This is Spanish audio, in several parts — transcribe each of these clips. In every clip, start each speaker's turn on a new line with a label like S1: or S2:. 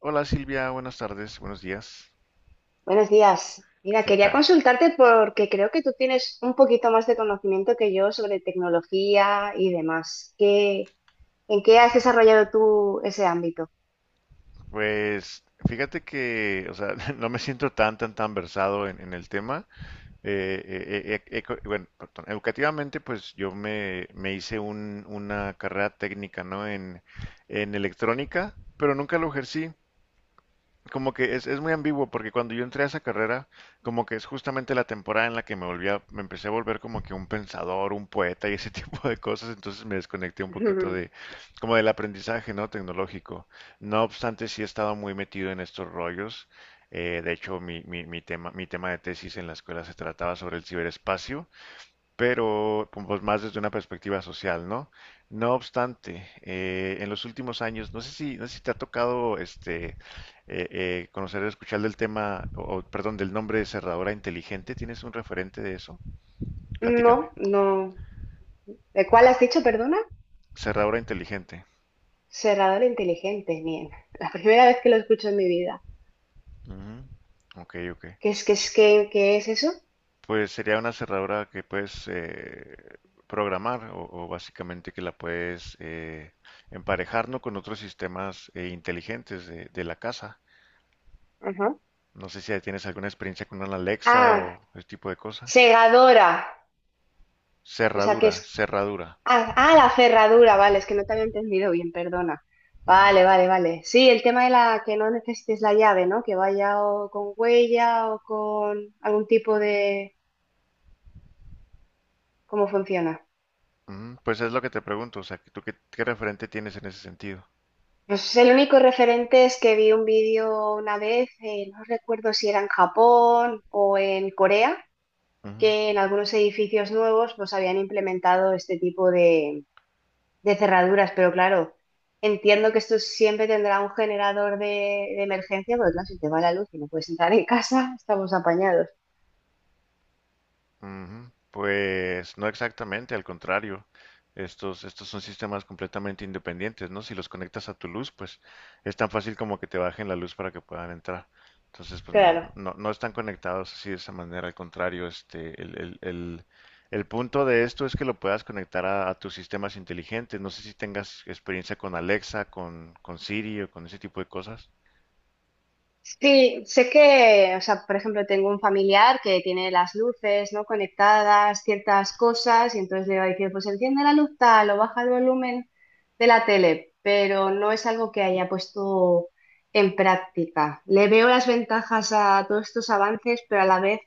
S1: Hola Silvia, buenas tardes, buenos días.
S2: Buenos días. Mira,
S1: ¿Qué
S2: quería
S1: tal?
S2: consultarte porque creo que tú tienes un poquito más de conocimiento que yo sobre tecnología y demás. ¿Qué, en qué has desarrollado tú ese ámbito?
S1: Pues fíjate que, o sea, no me siento tan versado en el tema. Educativamente, pues yo me hice una carrera técnica, ¿no? En electrónica, pero nunca lo ejercí. Como que es muy ambiguo porque cuando yo entré a esa carrera, como que es justamente la temporada en la que me volví me empecé a volver como que un pensador, un poeta y ese tipo de cosas, entonces me desconecté un poquito de, como del aprendizaje, ¿no? Tecnológico. No obstante, sí he estado muy metido en estos rollos. De hecho, mi tema de tesis en la escuela se trataba sobre el ciberespacio, pero pues, más desde una perspectiva social, ¿no? No obstante, en los últimos años, no sé si te ha tocado este conocer o escuchar del tema, del nombre de cerradura inteligente. ¿Tienes un referente de eso? Platícame.
S2: No, no. ¿De cuál has dicho, perdona?
S1: Cerradura inteligente.
S2: Cerrador inteligente, bien. La primera vez que lo escucho en mi vida.
S1: Ujú. Ok, ok.
S2: ¿Qué es, qué es, qué, qué es eso?
S1: Pues sería una cerradura que puedes programar o básicamente que la puedes emparejar, ¿no?, con otros sistemas inteligentes de la casa.
S2: Ajá.
S1: No sé si tienes alguna experiencia con una Alexa
S2: Ah,
S1: o ese tipo de cosa.
S2: segadora. O sea, que
S1: Cerradura,
S2: es.
S1: cerradura.
S2: Ah, ah, la cerradura, vale, es que no te había entendido bien, perdona.
S1: Ujú,
S2: Vale, vale, vale. Sí, el tema de la que no necesites la llave, ¿no? Que vaya o con huella o con algún tipo de... ¿Cómo funciona?
S1: ujú. Pues es lo que te pregunto, o sea, ¿tú qué, qué referente tienes en ese sentido?
S2: Pues el único referente es que vi un vídeo una vez, no recuerdo si era en Japón o en Corea,
S1: Ujú.
S2: que en algunos edificios nuevos pues habían implementado este tipo de cerraduras, pero claro, entiendo que esto siempre tendrá un generador de emergencia, porque claro, si te va la luz y no puedes entrar en casa, estamos apañados.
S1: Ujú. Pues no exactamente, al contrario. Estos son sistemas completamente independientes, ¿no? Si los conectas a tu luz, pues es tan fácil como que te bajen la luz para que puedan entrar. Entonces, pues no,
S2: Claro.
S1: no, no están conectados así de esa manera, al contrario, este, el punto de esto es que lo puedas conectar a tus sistemas inteligentes. No sé si tengas experiencia con Alexa, con Siri o con ese tipo de cosas.
S2: Sí, sé que, o sea, por ejemplo, tengo un familiar que tiene las luces, ¿no? conectadas, ciertas cosas, y entonces le va a decir, pues enciende la luz tal o baja el volumen de la tele, pero no es algo que haya puesto en práctica. Le veo las ventajas a todos estos avances, pero a la vez.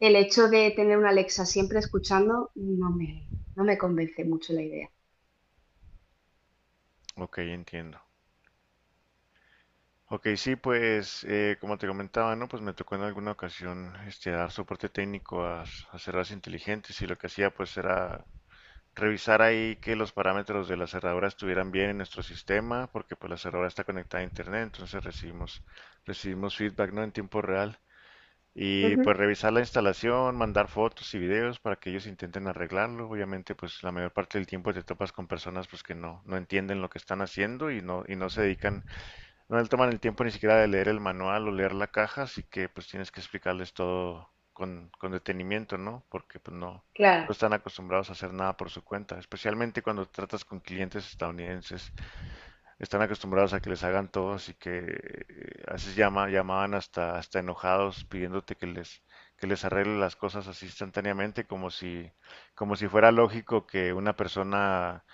S2: El hecho de tener una Alexa siempre escuchando no me, no me convence mucho la idea.
S1: Ok, entiendo. Ok, sí, pues como te comentaba, ¿no? Pues me tocó en alguna ocasión este, dar soporte técnico a, a cerraduras inteligentes y lo que hacía pues era revisar ahí que los parámetros de la cerradura estuvieran bien en nuestro sistema, porque pues la cerradura está conectada a internet, entonces recibimos feedback, ¿no? En tiempo real. Y pues
S2: Ujú,
S1: revisar la instalación, mandar fotos y videos para que ellos intenten arreglarlo. Obviamente pues la mayor parte del tiempo te topas con personas pues que no, no entienden lo que están haciendo y no se dedican, no le toman el tiempo ni siquiera de leer el manual o leer la caja, así que pues tienes que explicarles todo con detenimiento, ¿no? Porque pues no, no
S2: claro,
S1: están acostumbrados a hacer nada por su cuenta, especialmente cuando tratas con clientes estadounidenses. Están acostumbrados a que les hagan todo, así que a veces llamaban hasta enojados pidiéndote que les arregle las cosas así instantáneamente, como si fuera lógico que una persona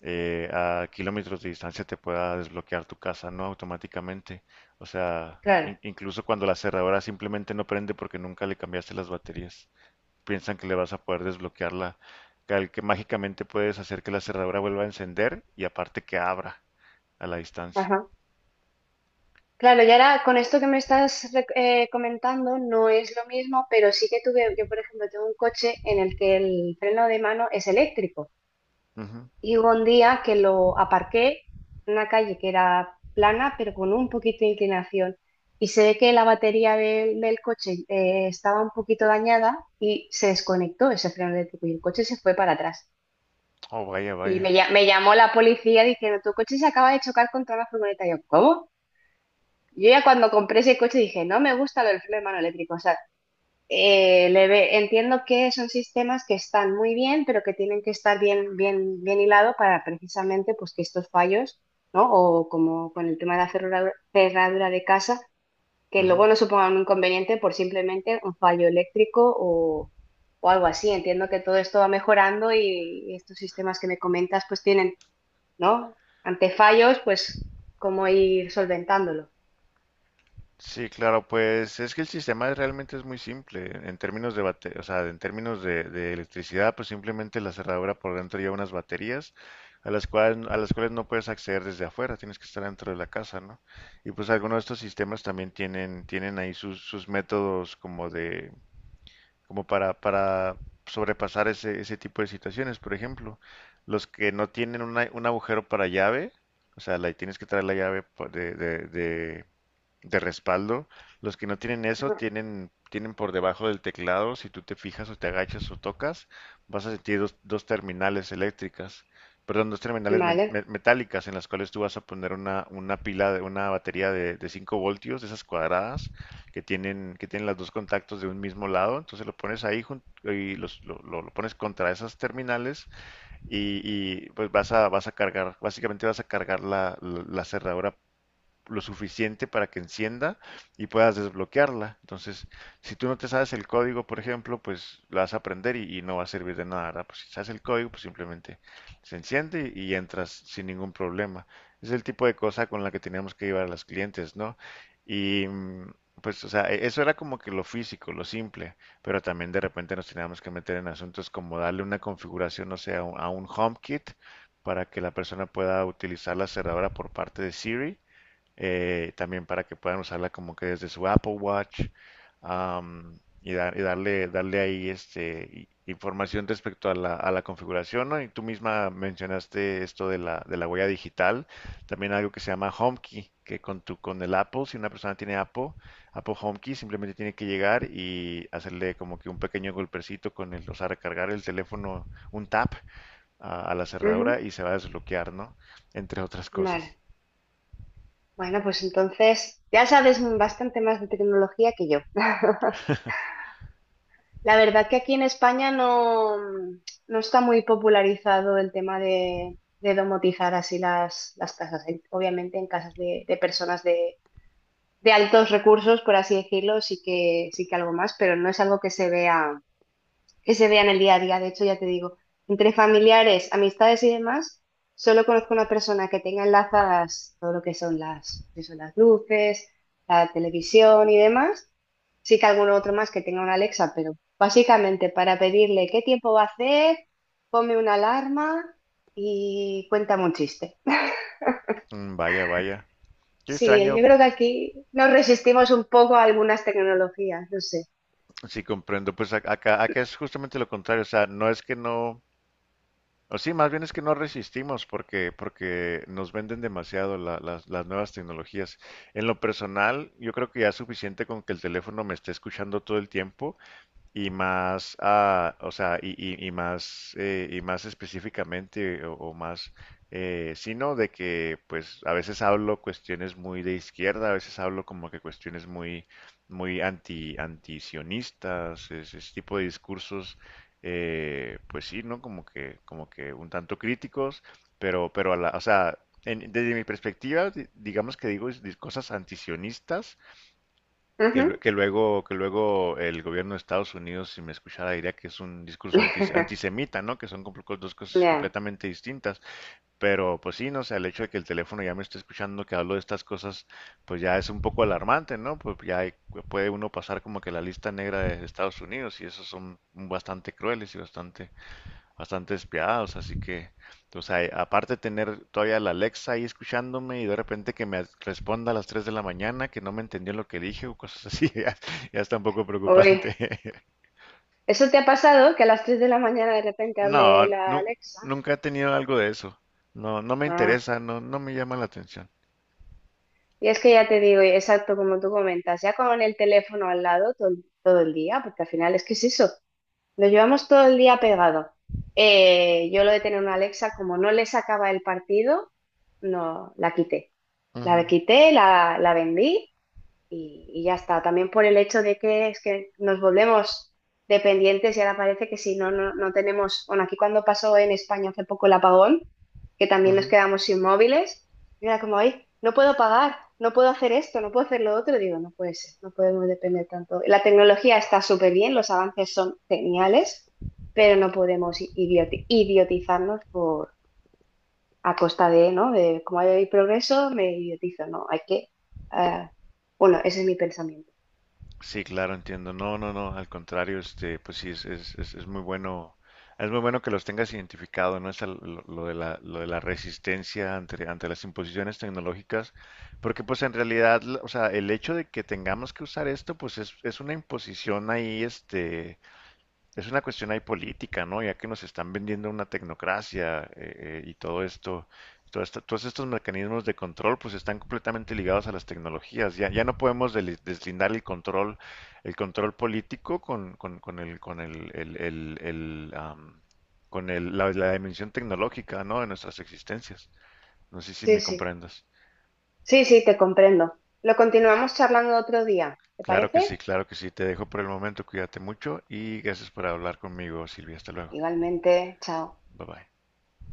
S1: a kilómetros de distancia te pueda desbloquear tu casa, no automáticamente. O sea,
S2: claro.
S1: incluso cuando la cerradura simplemente no prende porque nunca le cambiaste las baterías, piensan que le vas a poder desbloquearla, que mágicamente puedes hacer que la cerradura vuelva a encender y aparte que abra a la distancia.
S2: Ajá. Claro, y ahora con esto que me estás comentando no es lo mismo, pero sí que tuve, yo por ejemplo tengo un coche en el que el freno de mano es eléctrico
S1: Ujú.
S2: y hubo un día que lo aparqué en una calle que era plana pero con un poquito de inclinación y se ve que la batería del coche estaba un poquito dañada y se desconectó ese freno eléctrico y el coche se fue para atrás.
S1: Oh, vaya,
S2: Y
S1: vaya.
S2: me, me llamó la policía diciendo, tu coche se acaba de chocar contra una furgoneta. Y yo, ¿cómo? Yo ya cuando compré ese coche dije, no me gusta lo del freno de mano eléctrico. O sea, entiendo que son sistemas que están muy bien, pero que tienen que estar bien, bien, bien hilado para precisamente pues, que estos fallos, ¿no? O como con el tema de la cerradura, cerradura de casa, que
S1: Ujú.
S2: luego no supongan un inconveniente por simplemente un fallo eléctrico o algo así. Entiendo que todo esto va mejorando y estos sistemas que me comentas pues tienen, ¿no? Ante fallos, pues, cómo ir solventándolo.
S1: Sí, claro, pues es que el sistema realmente es muy simple en términos de o sea, en términos de electricidad, pues simplemente la cerradura por dentro lleva unas baterías a las cuales no puedes acceder desde afuera, tienes que estar dentro de la casa, ¿no? Y pues algunos de estos sistemas también tienen ahí sus, sus métodos como de, como para sobrepasar ese, ese tipo de situaciones. Por ejemplo, los que no tienen un agujero para llave, o sea, la, tienes que traer la llave de respaldo. Los que no tienen eso
S2: Ujú.
S1: tienen por debajo del teclado, si tú te fijas o te agachas o tocas, vas a sentir dos terminales eléctricas, perdón, dos terminales
S2: Vale,
S1: metálicas en las cuales tú vas a poner una pila de una batería de 5 voltios, de esas cuadradas, que tienen los dos contactos de un mismo lado. Entonces lo pones ahí lo pones contra esas terminales y, y pues vas a cargar, básicamente vas a cargar la cerradura lo suficiente para que encienda y puedas desbloquearla. Entonces, si tú no te sabes el código, por ejemplo, pues la vas a aprender y no va a servir de nada, ¿verdad? Pues si sabes el código, pues simplemente se enciende y entras sin ningún problema. Es el tipo de cosa con la que teníamos que llevar a los clientes, ¿no? Y mm, pues, o sea, eso era como que lo físico, lo simple, pero también de repente nos teníamos que meter en asuntos como darle una configuración, no sé, a a un HomeKit para que la persona pueda utilizar la cerradura por parte de Siri, también para que puedan usarla como que desde su Apple Watch, am, y, darle ahí este, información respecto a la configuración, ¿no? Y tú misma mencionaste esto de la huella digital, también algo que se llama HomeKey, que con tu, con el Apple, si una persona tiene Apple, Apple HomeKey simplemente tiene que llegar y hacerle como que un pequeño golpecito con el, o sea, recargar el teléfono, un tap a la
S2: ujú,
S1: cerradura y se va a desbloquear, ¿no? Entre otras cosas.
S2: vale. Bueno, pues entonces ya sabes bastante más de tecnología que yo. La verdad que aquí en España no, no está muy popularizado el tema de domotizar así las casas. Obviamente en casas de personas de altos recursos, por así decirlo, sí que algo más, pero no es algo que se vea. Que se vean el día a día. De hecho, ya te digo, entre familiares, amistades y demás, solo conozco una persona que tenga enlazadas todo lo que son las luces, la televisión y demás. Sí que alguno otro más que tenga una Alexa, pero básicamente para pedirle qué tiempo va a hacer, ponme una alarma y cuéntame un chiste.
S1: Mm, vaya, vaya. Qué
S2: Sí,
S1: extraño,
S2: yo creo que aquí nos resistimos un poco a algunas tecnologías, no sé.
S1: sí comprendo, pues acá, acá es justamente lo contrario, o sea, no es que no, o sí, más bien es que no resistimos porque, porque nos venden demasiado las nuevas tecnologías. En lo personal, yo creo que ya es suficiente con que el teléfono me esté escuchando todo el tiempo. Y más, ah, o sea, y más específicamente, o más, sino de que, pues, a veces hablo cuestiones muy de izquierda, a veces hablo como que cuestiones muy, antisionistas, ese tipo de discursos, pues sí, ¿no? Como que un tanto críticos, pero a la, o sea, desde mi perspectiva, digamos que digo cosas antisionistas, que,
S2: Ujú.
S1: que luego el gobierno de Estados Unidos, si me escuchara, diría que es un discurso antisemita, ¿no? Que son dos cosas
S2: Ya,
S1: completamente distintas. Pero pues sí, no sé, el hecho de que el teléfono ya me esté escuchando que hablo de estas cosas, pues ya es un poco alarmante, ¿no? Puede uno pasar como que la lista negra de Estados Unidos y esos son bastante crueles y bastante despiadados, así que, o sea, aparte de tener todavía la Alexa ahí escuchándome y de repente que me responda a las 3 de la mañana que no me entendió lo que dije o cosas así, ya, ya está un poco
S2: uy.
S1: preocupante.
S2: ¿Eso te ha pasado? Que a las 3 de la mañana de repente hable
S1: No,
S2: la Alexa.
S1: nunca he tenido algo de eso. No, no me
S2: Ah,
S1: interesa, no, no me llama la atención.
S2: y es que ya te digo, y exacto como tú comentas, ya con el teléfono al lado todo, todo el día, porque al final es que es eso, lo llevamos todo el día pegado. Yo lo de tener una Alexa, como no le sacaba el partido, no, la quité. La
S1: Ujú,
S2: quité, la vendí y ya está. También por el hecho de que es que nos volvemos dependientes y ahora parece que si no, no, no tenemos, bueno, aquí cuando pasó en España hace poco el apagón, que también nos
S1: ujú.
S2: quedamos inmóviles, y era como, ay, no puedo pagar, no puedo hacer esto, no puedo hacer lo otro, y digo, no puede ser, no podemos depender tanto. La tecnología está súper bien, los avances son geniales, pero no podemos idiotizarnos por... a costa de, ¿no? De como hay progreso, me idiotizo, no, hay que... ah, bueno, ese es mi pensamiento.
S1: Sí, claro, entiendo. No, no, no, al contrario, este, pues sí, es, es muy bueno que los tengas identificado, ¿no? Es lo de la resistencia ante, ante las imposiciones tecnológicas, porque pues en realidad, o sea, el hecho de que tengamos que usar esto, pues es una imposición ahí, este, es una cuestión ahí política, ¿no? Ya que nos están vendiendo una tecnocracia, y todo esto, todos estos mecanismos de control, pues están completamente ligados a las tecnologías. Ya, ya no podemos deslindar el control político con el, am, la dimensión tecnológica, ¿no? De nuestras existencias. No sé si
S2: Sí,
S1: me
S2: sí,
S1: comprendas.
S2: sí, sí, te comprendo. Lo continuamos charlando otro día, ¿te
S1: Claro que sí,
S2: parece?
S1: claro que sí. Te dejo por el momento. Cuídate mucho y gracias por hablar conmigo, Silvia. Hasta luego.
S2: Igualmente, chao.
S1: Bye bye.